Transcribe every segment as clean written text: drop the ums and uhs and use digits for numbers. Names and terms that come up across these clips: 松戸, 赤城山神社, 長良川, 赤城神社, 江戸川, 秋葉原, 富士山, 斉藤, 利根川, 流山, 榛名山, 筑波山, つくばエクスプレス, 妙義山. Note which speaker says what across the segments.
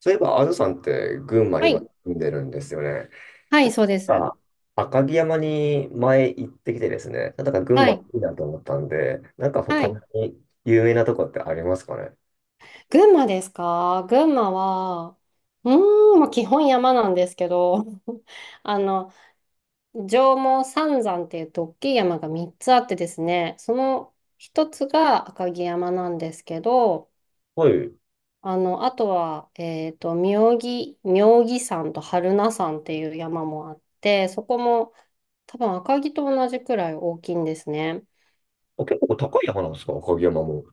Speaker 1: そういえば、あずさんって群馬
Speaker 2: は
Speaker 1: 今
Speaker 2: い、
Speaker 1: 住んでるんですよね。
Speaker 2: は
Speaker 1: ち
Speaker 2: い、
Speaker 1: ょっ
Speaker 2: そうで
Speaker 1: とな
Speaker 2: す。
Speaker 1: んか赤城山に前行ってきてですね、なんか群
Speaker 2: は
Speaker 1: 馬い
Speaker 2: い、
Speaker 1: いなと思ったんで、なんか
Speaker 2: は
Speaker 1: 他
Speaker 2: い。
Speaker 1: に有名なとこってありますかね？
Speaker 2: 群馬ですか？群馬は、うーん、まあ、基本山なんですけど、あの、上毛三山っていうと大きい山が3つあってですね、その一つが赤城山なんですけど、
Speaker 1: はい。
Speaker 2: あとは、妙義山と榛名山っていう山もあって、そこも多分赤城と同じくらい大きいんですね。
Speaker 1: あ、結構高い山なんですか赤城山も。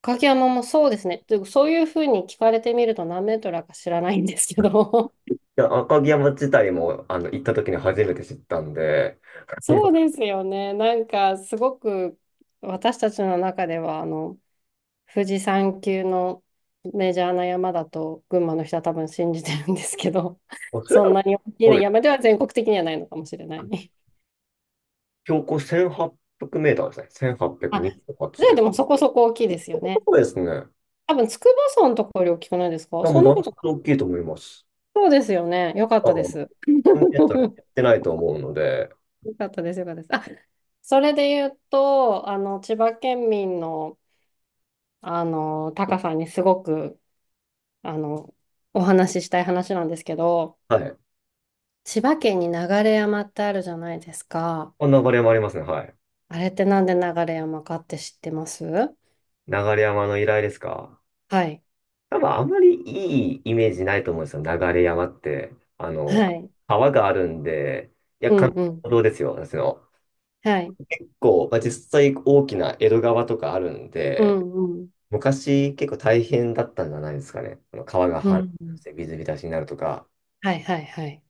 Speaker 2: 影山もそうですね。というかそういうふうに聞かれてみると何メートルだか知らないんですけど。
Speaker 1: 赤城山自体も行った時に初めて知ったんで、あ
Speaker 2: そう
Speaker 1: の
Speaker 2: ですよね。なんかすごく私たちの中では富士山級のメジャーな山だと群馬の人は多分信じてるんですけど、
Speaker 1: それ
Speaker 2: そ
Speaker 1: で
Speaker 2: んなに大き
Speaker 1: も、
Speaker 2: な
Speaker 1: はい、
Speaker 2: 山では全国的にはないのかもしれない。
Speaker 1: 標高1800メーターですね。
Speaker 2: あ、
Speaker 1: 1828
Speaker 2: じゃあ
Speaker 1: で。
Speaker 2: でもそこそこ大きいですよね。
Speaker 1: そうですね。い
Speaker 2: 多分筑波山のところより大きくないですか？
Speaker 1: やも
Speaker 2: そ
Speaker 1: う
Speaker 2: ん
Speaker 1: だ
Speaker 2: な
Speaker 1: い
Speaker 2: ことな
Speaker 1: ぶ
Speaker 2: い
Speaker 1: 大きい
Speaker 2: のか
Speaker 1: と
Speaker 2: な。
Speaker 1: 思います。
Speaker 2: そうですよね。よかっ
Speaker 1: あ
Speaker 2: たで
Speaker 1: の、
Speaker 2: す。
Speaker 1: メータってないと思うので、
Speaker 2: よかったです、よかったです。あ、それで言うと、千葉県民の、タカさんにすごく、あの、お話ししたい話なんですけど、
Speaker 1: はい。
Speaker 2: 千葉県に流山ってあるじゃないですか。
Speaker 1: こんなバリもありますね。はい。
Speaker 2: あれってなんで流山かって知ってます？
Speaker 1: 流山の依頼ですか？
Speaker 2: はい。
Speaker 1: 多分あまりいいイメージないと思うんですよ。流山って。あの、
Speaker 2: はい。
Speaker 1: 川があるんで、いや、
Speaker 2: うん
Speaker 1: 関
Speaker 2: うん。
Speaker 1: 道ですよ。私の。
Speaker 2: はい。
Speaker 1: 結構、まあ、実際大きな江戸川とかあるん
Speaker 2: う
Speaker 1: で、
Speaker 2: んうん。
Speaker 1: 昔結構大変だったんじゃないですかね。あの川が
Speaker 2: う
Speaker 1: 氾濫
Speaker 2: んう
Speaker 1: し
Speaker 2: ん。
Speaker 1: て水浸しになるとか。
Speaker 2: はいはいはい。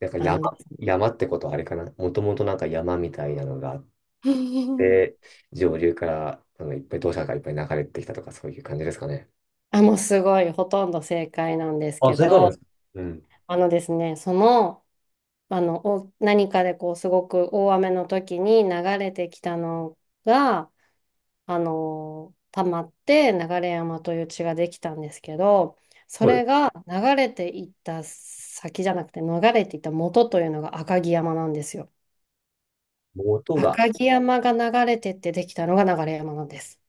Speaker 1: なんか
Speaker 2: あ
Speaker 1: 山、
Speaker 2: のですね。
Speaker 1: 山ってことはあれかな。もともとなんか山みたいなのがあっ て、上流からいっぱい土砂がいっぱい流れてきたとかそういう感じですかね。
Speaker 2: あ、もうすごい、ほとんど正解なんです
Speaker 1: あ、
Speaker 2: け
Speaker 1: それからなんで
Speaker 2: ど、
Speaker 1: すか。うん。
Speaker 2: あのですね、その、あの、お何かでこう、すごく大雨の時に流れてきたのが、溜まって流山という地ができたんですけど、そ
Speaker 1: はい。
Speaker 2: れが流れていった先じゃなくて、流れていった元というのが赤城山なんですよ。
Speaker 1: 元が。
Speaker 2: 赤城山が流れてってできたのが流山なんです。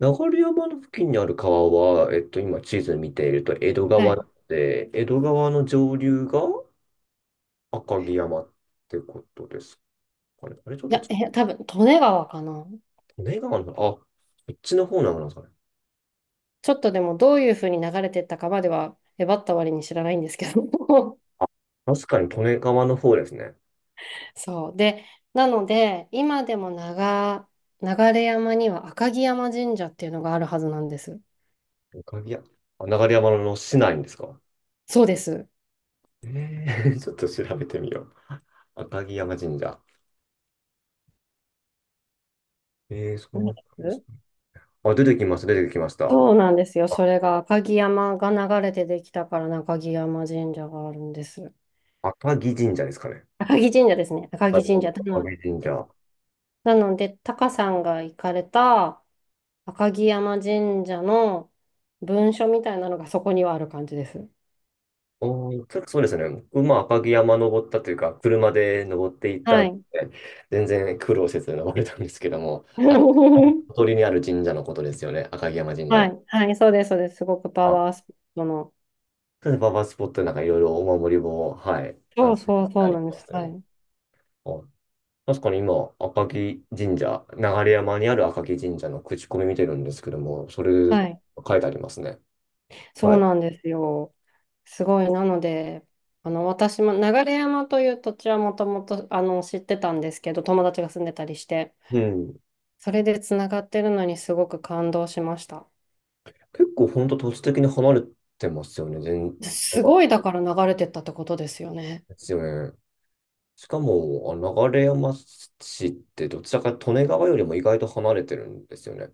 Speaker 1: 流山の付近にある川は、今地図見ていると江戸
Speaker 2: は
Speaker 1: 川な
Speaker 2: い。
Speaker 1: ので、江戸川の上流が赤城山ってことですかね。あれ、ちょっ
Speaker 2: い
Speaker 1: と、
Speaker 2: や、多分、利根川かな。
Speaker 1: 利根川の、あ、こっちの方なのかな。
Speaker 2: ちょっとでもどういうふうに流れてったかまでは、えばった割に知らないんですけど。
Speaker 1: あ、確かに利根川の方ですね。
Speaker 2: そう。で、なので、今でも流山には赤城山神社っていうのがあるはずなんです。
Speaker 1: 赤城山、あ流山の市内ですか？
Speaker 2: そうです。
Speaker 1: えー、ちょっと調べてみよう。赤城山神社。えー、そう
Speaker 2: 何
Speaker 1: なんです
Speaker 2: で
Speaker 1: ね。
Speaker 2: す？
Speaker 1: あ、出てきました。
Speaker 2: そうなんですよ。
Speaker 1: あ、
Speaker 2: それが赤城山が流れてできたから、赤城山神社があるんです。
Speaker 1: 赤城神社ですかね。
Speaker 2: 赤城神社ですね。赤
Speaker 1: はい、
Speaker 2: 城神社。
Speaker 1: 赤城神社。
Speaker 2: なので、タカさんが行かれた赤城山神社の文書みたいなのがそこにはある感じです。
Speaker 1: おー、ちょっとそうですね。僕も赤城山登ったというか、車で登っていった
Speaker 2: は
Speaker 1: ん
Speaker 2: い。
Speaker 1: で、全然苦労せず登れたんですけども、あ、小鳥にある神社のことですよね、赤城山神社
Speaker 2: は
Speaker 1: は。
Speaker 2: い、はい、そうです、そうです。すごくパ
Speaker 1: あ、
Speaker 2: ワースポットの。
Speaker 1: それです。パパスポットでなんかいろいろお守りも、はい、あ
Speaker 2: そ
Speaker 1: の、
Speaker 2: う
Speaker 1: 行
Speaker 2: そ
Speaker 1: っ
Speaker 2: う
Speaker 1: た
Speaker 2: そう
Speaker 1: りし
Speaker 2: なんで
Speaker 1: まし
Speaker 2: す。
Speaker 1: たよ
Speaker 2: は
Speaker 1: ね。
Speaker 2: い。
Speaker 1: あ確かに今、赤城神社、流山にある赤城神社の口コミ見てるんですけども、それ
Speaker 2: はい。
Speaker 1: 書いてありますね。
Speaker 2: そ
Speaker 1: は
Speaker 2: う
Speaker 1: い。
Speaker 2: なんですよ。すごい。なので、私も流山という土地はもともと、知ってたんですけど、友達が住んでたりして、
Speaker 1: うん。
Speaker 2: それでつながってるのにすごく感動しました。
Speaker 1: 結構本当、土地的に離れてますよね、全
Speaker 2: すごい、だから流れてったってことですよね。
Speaker 1: ですよね。しかも、あ流山市ってどちらかと利根川よりも意外と離れてるんですよね。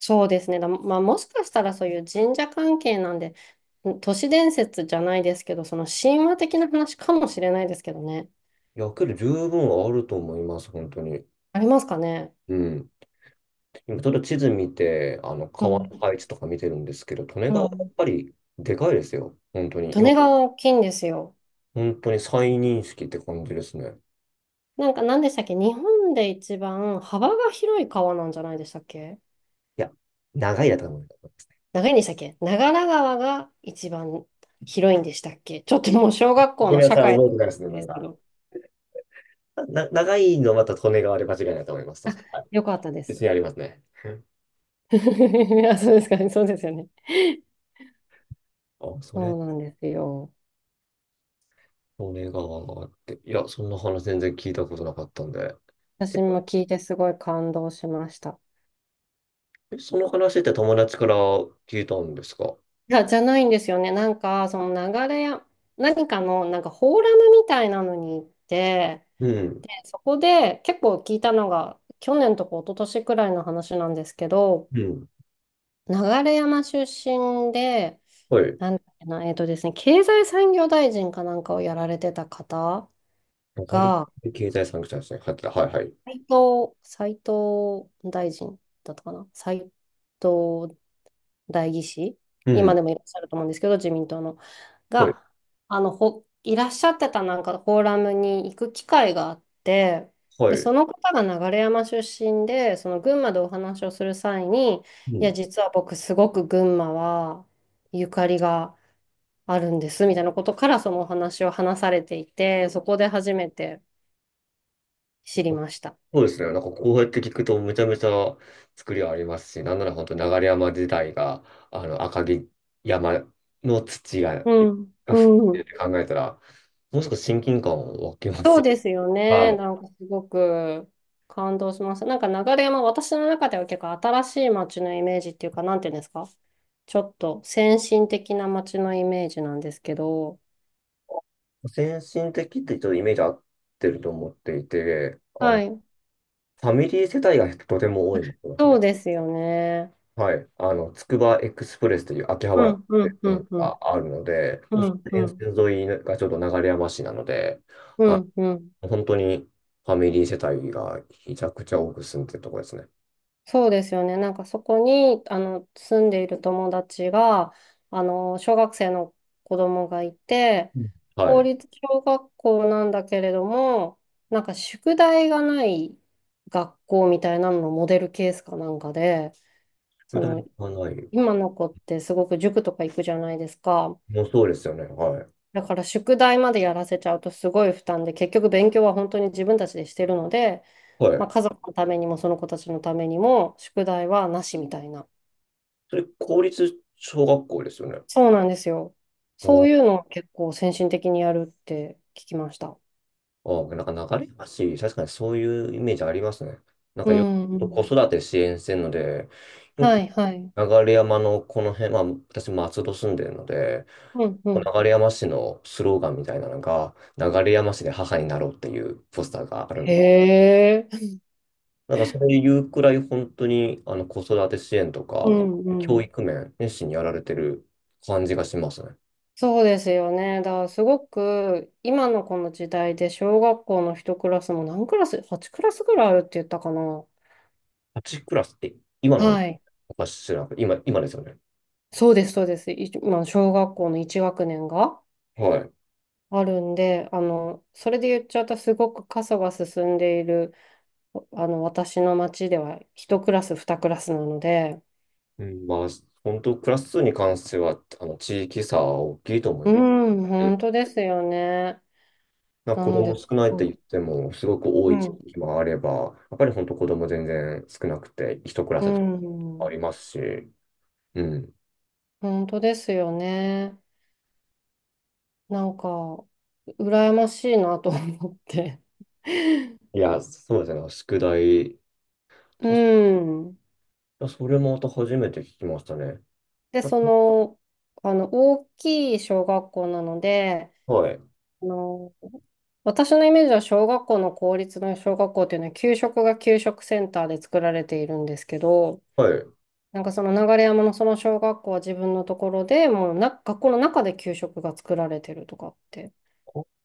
Speaker 2: そうですね。まあ、もしかしたらそういう神社関係なんで、都市伝説じゃないですけど、その神話的な話かもしれないですけどね。
Speaker 1: いや、けど十分あると思います、本当に。
Speaker 2: ありますかね。
Speaker 1: うん。今、ちょっと地図見て、あの、
Speaker 2: う
Speaker 1: 川の
Speaker 2: ん。
Speaker 1: 配置とか見てるんですけど、利根
Speaker 2: う
Speaker 1: 川やっ
Speaker 2: ん。
Speaker 1: ぱりでかいですよ。本当に。
Speaker 2: 利
Speaker 1: 今、
Speaker 2: 根川大きいんですよ。
Speaker 1: 本当に再認識って感じですね。
Speaker 2: なんか何でしたっけ？日本で一番幅が広い川なんじゃないでしたっけ？
Speaker 1: いや、長いだと思います。
Speaker 2: 長いんでしたっけ？長良川が一番広いんでしたっけ？ちょっともう小学校
Speaker 1: ごめ
Speaker 2: の
Speaker 1: んな
Speaker 2: 社
Speaker 1: さい、
Speaker 2: 会
Speaker 1: 覚えてないですね、な
Speaker 2: で
Speaker 1: ん
Speaker 2: すけ
Speaker 1: か。
Speaker 2: ど。
Speaker 1: 長いのまた利根川で間違いないと思います。確
Speaker 2: あ、
Speaker 1: かに。はい
Speaker 2: よかったで
Speaker 1: 別
Speaker 2: す。
Speaker 1: にありますね。
Speaker 2: あ、そうですかね。そうですよね。
Speaker 1: あ、それ
Speaker 2: そうなんですよ。
Speaker 1: 利根川があって、いや、そんな話全然聞いたことなかったんで。え、
Speaker 2: 私も聞いてすごい感動しました。
Speaker 1: えその話って友達から聞いたんですか？
Speaker 2: いや、じゃないんですよね。なんか、その流れや、何かの、なんかフォーラムみたいなのに行って、
Speaker 1: うん。
Speaker 2: で、そこで結構聞いたのが、去年とか一昨年くらいの話なんですけど、
Speaker 1: うん。
Speaker 2: 流山出身で、
Speaker 1: はい。
Speaker 2: なんだっけな、えっとですね、経済産業大臣かなんかをやられてた方
Speaker 1: わかり
Speaker 2: が、
Speaker 1: 経済産業者ですね。入ってた。はいはい。
Speaker 2: 斉藤大臣だったかな、斉藤代議士、
Speaker 1: う
Speaker 2: 今
Speaker 1: ん。
Speaker 2: でもいらっしゃると思うんですけど、自民党の。
Speaker 1: はい。
Speaker 2: が、いらっしゃってたなんかフォーラムに行く機会があって、
Speaker 1: は
Speaker 2: で、
Speaker 1: い。
Speaker 2: その方が流山出身で、その群馬でお話をする際に、
Speaker 1: う
Speaker 2: いや、
Speaker 1: ん。
Speaker 2: 実は僕すごく群馬はゆかりがあるんです、みたいなことからそのお話を話されていて、そこで初めて知りました。
Speaker 1: そうですね。なんかこうやって聞くとめちゃめちゃ作りはありますし、なんなら本当流山自体が、あの、赤城山の土が、
Speaker 2: うん。
Speaker 1: が含ん
Speaker 2: う
Speaker 1: でる
Speaker 2: ん。
Speaker 1: って考えたら、もう少し親近感を湧きま
Speaker 2: そ
Speaker 1: す
Speaker 2: う
Speaker 1: よ。
Speaker 2: ですよ
Speaker 1: は
Speaker 2: ね。
Speaker 1: い
Speaker 2: なんかすごく感動しました。なんか流山、私の中では結構新しい街のイメージっていうか、なんていうんですか？ちょっと先進的な街のイメージなんですけど。
Speaker 1: 先進的ってちょっとイメージ合ってると思っていて、あの、
Speaker 2: は
Speaker 1: フ
Speaker 2: い。
Speaker 1: ァミリー世帯がとても多いのです
Speaker 2: そ
Speaker 1: ね。
Speaker 2: うですよね。
Speaker 1: はい。あの、つくばエクスプレスという秋葉原
Speaker 2: う
Speaker 1: の
Speaker 2: ん、うん、う
Speaker 1: 線
Speaker 2: ん、う
Speaker 1: が
Speaker 2: ん、
Speaker 1: あるので、も
Speaker 2: う
Speaker 1: う
Speaker 2: ん、う
Speaker 1: 沿
Speaker 2: ん、
Speaker 1: 線沿いがちょうど流山市なので、
Speaker 2: う
Speaker 1: あ、
Speaker 2: ん、うん。
Speaker 1: 本当にファミリー世帯がひちゃくちゃ多く住んでるところですね。
Speaker 2: そうですよね。なんかそこに、住んでいる友達が、小学生の子供がいて、
Speaker 1: うんは
Speaker 2: 公
Speaker 1: い。
Speaker 2: 立小学校なんだけれども、なんか宿題がない学校みたいなののモデルケースかなんかで、
Speaker 1: 宿
Speaker 2: そ
Speaker 1: 題
Speaker 2: の、
Speaker 1: がない。
Speaker 2: 今の子ってすごく塾とか行くじゃないですか。
Speaker 1: もうそうですよね。はい。
Speaker 2: だから宿題までやらせちゃうとすごい負担で、結局勉強は本当に自分たちでしてるので、
Speaker 1: は
Speaker 2: ま
Speaker 1: い。
Speaker 2: あ、家族のためにもその子たちのためにも宿題はなしみたいな。
Speaker 1: それ、公立小学校ですよね。
Speaker 2: そうなんですよ。そ
Speaker 1: あ
Speaker 2: うい
Speaker 1: あ
Speaker 2: うのを結構先進的にやるって聞きました。
Speaker 1: なんか流れ橋、確かにそういうイメージありますね。なん
Speaker 2: う
Speaker 1: かよ
Speaker 2: ん、う
Speaker 1: く子
Speaker 2: ん。
Speaker 1: 育て支援してるので、よ
Speaker 2: は
Speaker 1: く
Speaker 2: い、はい。
Speaker 1: 流山のこの辺、まあ私松戸住んでるので、
Speaker 2: うん、うん。
Speaker 1: 流山市のスローガンみたいなのが、流山市で母になろうっていうポスターがあるんで、
Speaker 2: へえ。
Speaker 1: なんかそういうくらい本当にあの子育て支援と
Speaker 2: う
Speaker 1: か、
Speaker 2: ん、う
Speaker 1: 教
Speaker 2: ん。
Speaker 1: 育面、熱心にやられてる感じがしますね。
Speaker 2: そうですよね。だからすごく今のこの時代で小学校の一クラスも何クラス？ 8 クラスぐらいあるって言ったかな。
Speaker 1: 8クラスって今の
Speaker 2: はい。
Speaker 1: おかしら、今、今ですよね。
Speaker 2: そうです、そうです。今、小学校の1学年が
Speaker 1: はい。
Speaker 2: あるんで、それで言っちゃうとすごく過疎が進んでいる。私の町では一クラス、二クラスなので、
Speaker 1: うん、まあ、本当、クラス数に関しては、あの、地域差は大きいと思
Speaker 2: う
Speaker 1: います。
Speaker 2: ん、
Speaker 1: う
Speaker 2: 本
Speaker 1: ん
Speaker 2: 当ですよね。
Speaker 1: な
Speaker 2: な
Speaker 1: 子
Speaker 2: の
Speaker 1: 供
Speaker 2: で、す
Speaker 1: 少ないっ
Speaker 2: ご
Speaker 1: て言っ
Speaker 2: い。
Speaker 1: ても、すごく多
Speaker 2: う
Speaker 1: い地
Speaker 2: ん、
Speaker 1: 域もあれば、やっぱり本当子供全然少なくて、一クラ
Speaker 2: う
Speaker 1: スあ
Speaker 2: ん、
Speaker 1: りますし、うん。
Speaker 2: 本当ですよね。なんか、羨ましいなと思って。
Speaker 1: いや、そうですね、宿題、
Speaker 2: うん。
Speaker 1: たそれもまた初めて聞きましたね。
Speaker 2: で、
Speaker 1: あ
Speaker 2: その、大きい小学校なので、
Speaker 1: はい、
Speaker 2: あの、私のイメージは小学校の公立の小学校っていうのは給食が給食センターで作られているんですけど、
Speaker 1: はい。
Speaker 2: なんかその流山のその小学校は自分のところでもう学校の中で給食が作られてるとかって。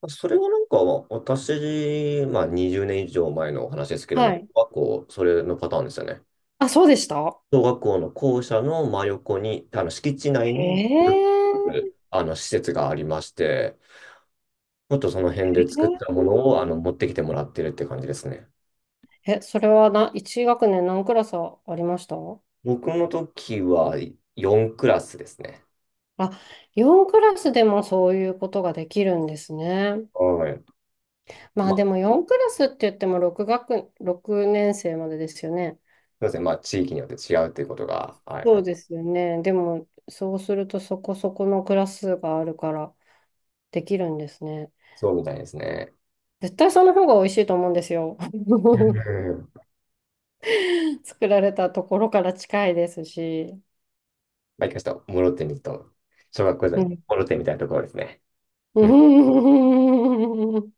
Speaker 1: あそれはなんか、私、まあ20年以上前の話ですけども、
Speaker 2: はい。
Speaker 1: 小学校、それのパターンですよね。
Speaker 2: あ、そうでした。
Speaker 1: 小学校の校舎の真横に、あの敷地内に、
Speaker 2: え
Speaker 1: あの施設がありまして、もっとその辺で作ったものをあの持ってきてもらってるって感じですね。
Speaker 2: ええ、それは1学年何クラスありました？
Speaker 1: 僕の時は4クラスですね。
Speaker 2: あ、4クラスでもそういうことができるんですね。
Speaker 1: はい。
Speaker 2: まあ
Speaker 1: まあ、
Speaker 2: で
Speaker 1: す
Speaker 2: も4クラスって言っても6年生までですよね。
Speaker 1: みません。まあ、地域によって違うということが、はい、
Speaker 2: そうですよね。でもそうするとそこそこのクラスがあるからできるんですね。
Speaker 1: そうみたいですね。
Speaker 2: 絶対その方が美味しいと思うんですよ。
Speaker 1: う ん
Speaker 2: 作られたところから近いですし。
Speaker 1: まあ、一回ちょっと、諸手にと、小学校時
Speaker 2: う
Speaker 1: 代、
Speaker 2: ん。
Speaker 1: 諸手みたいなところですね。うん
Speaker 2: うん。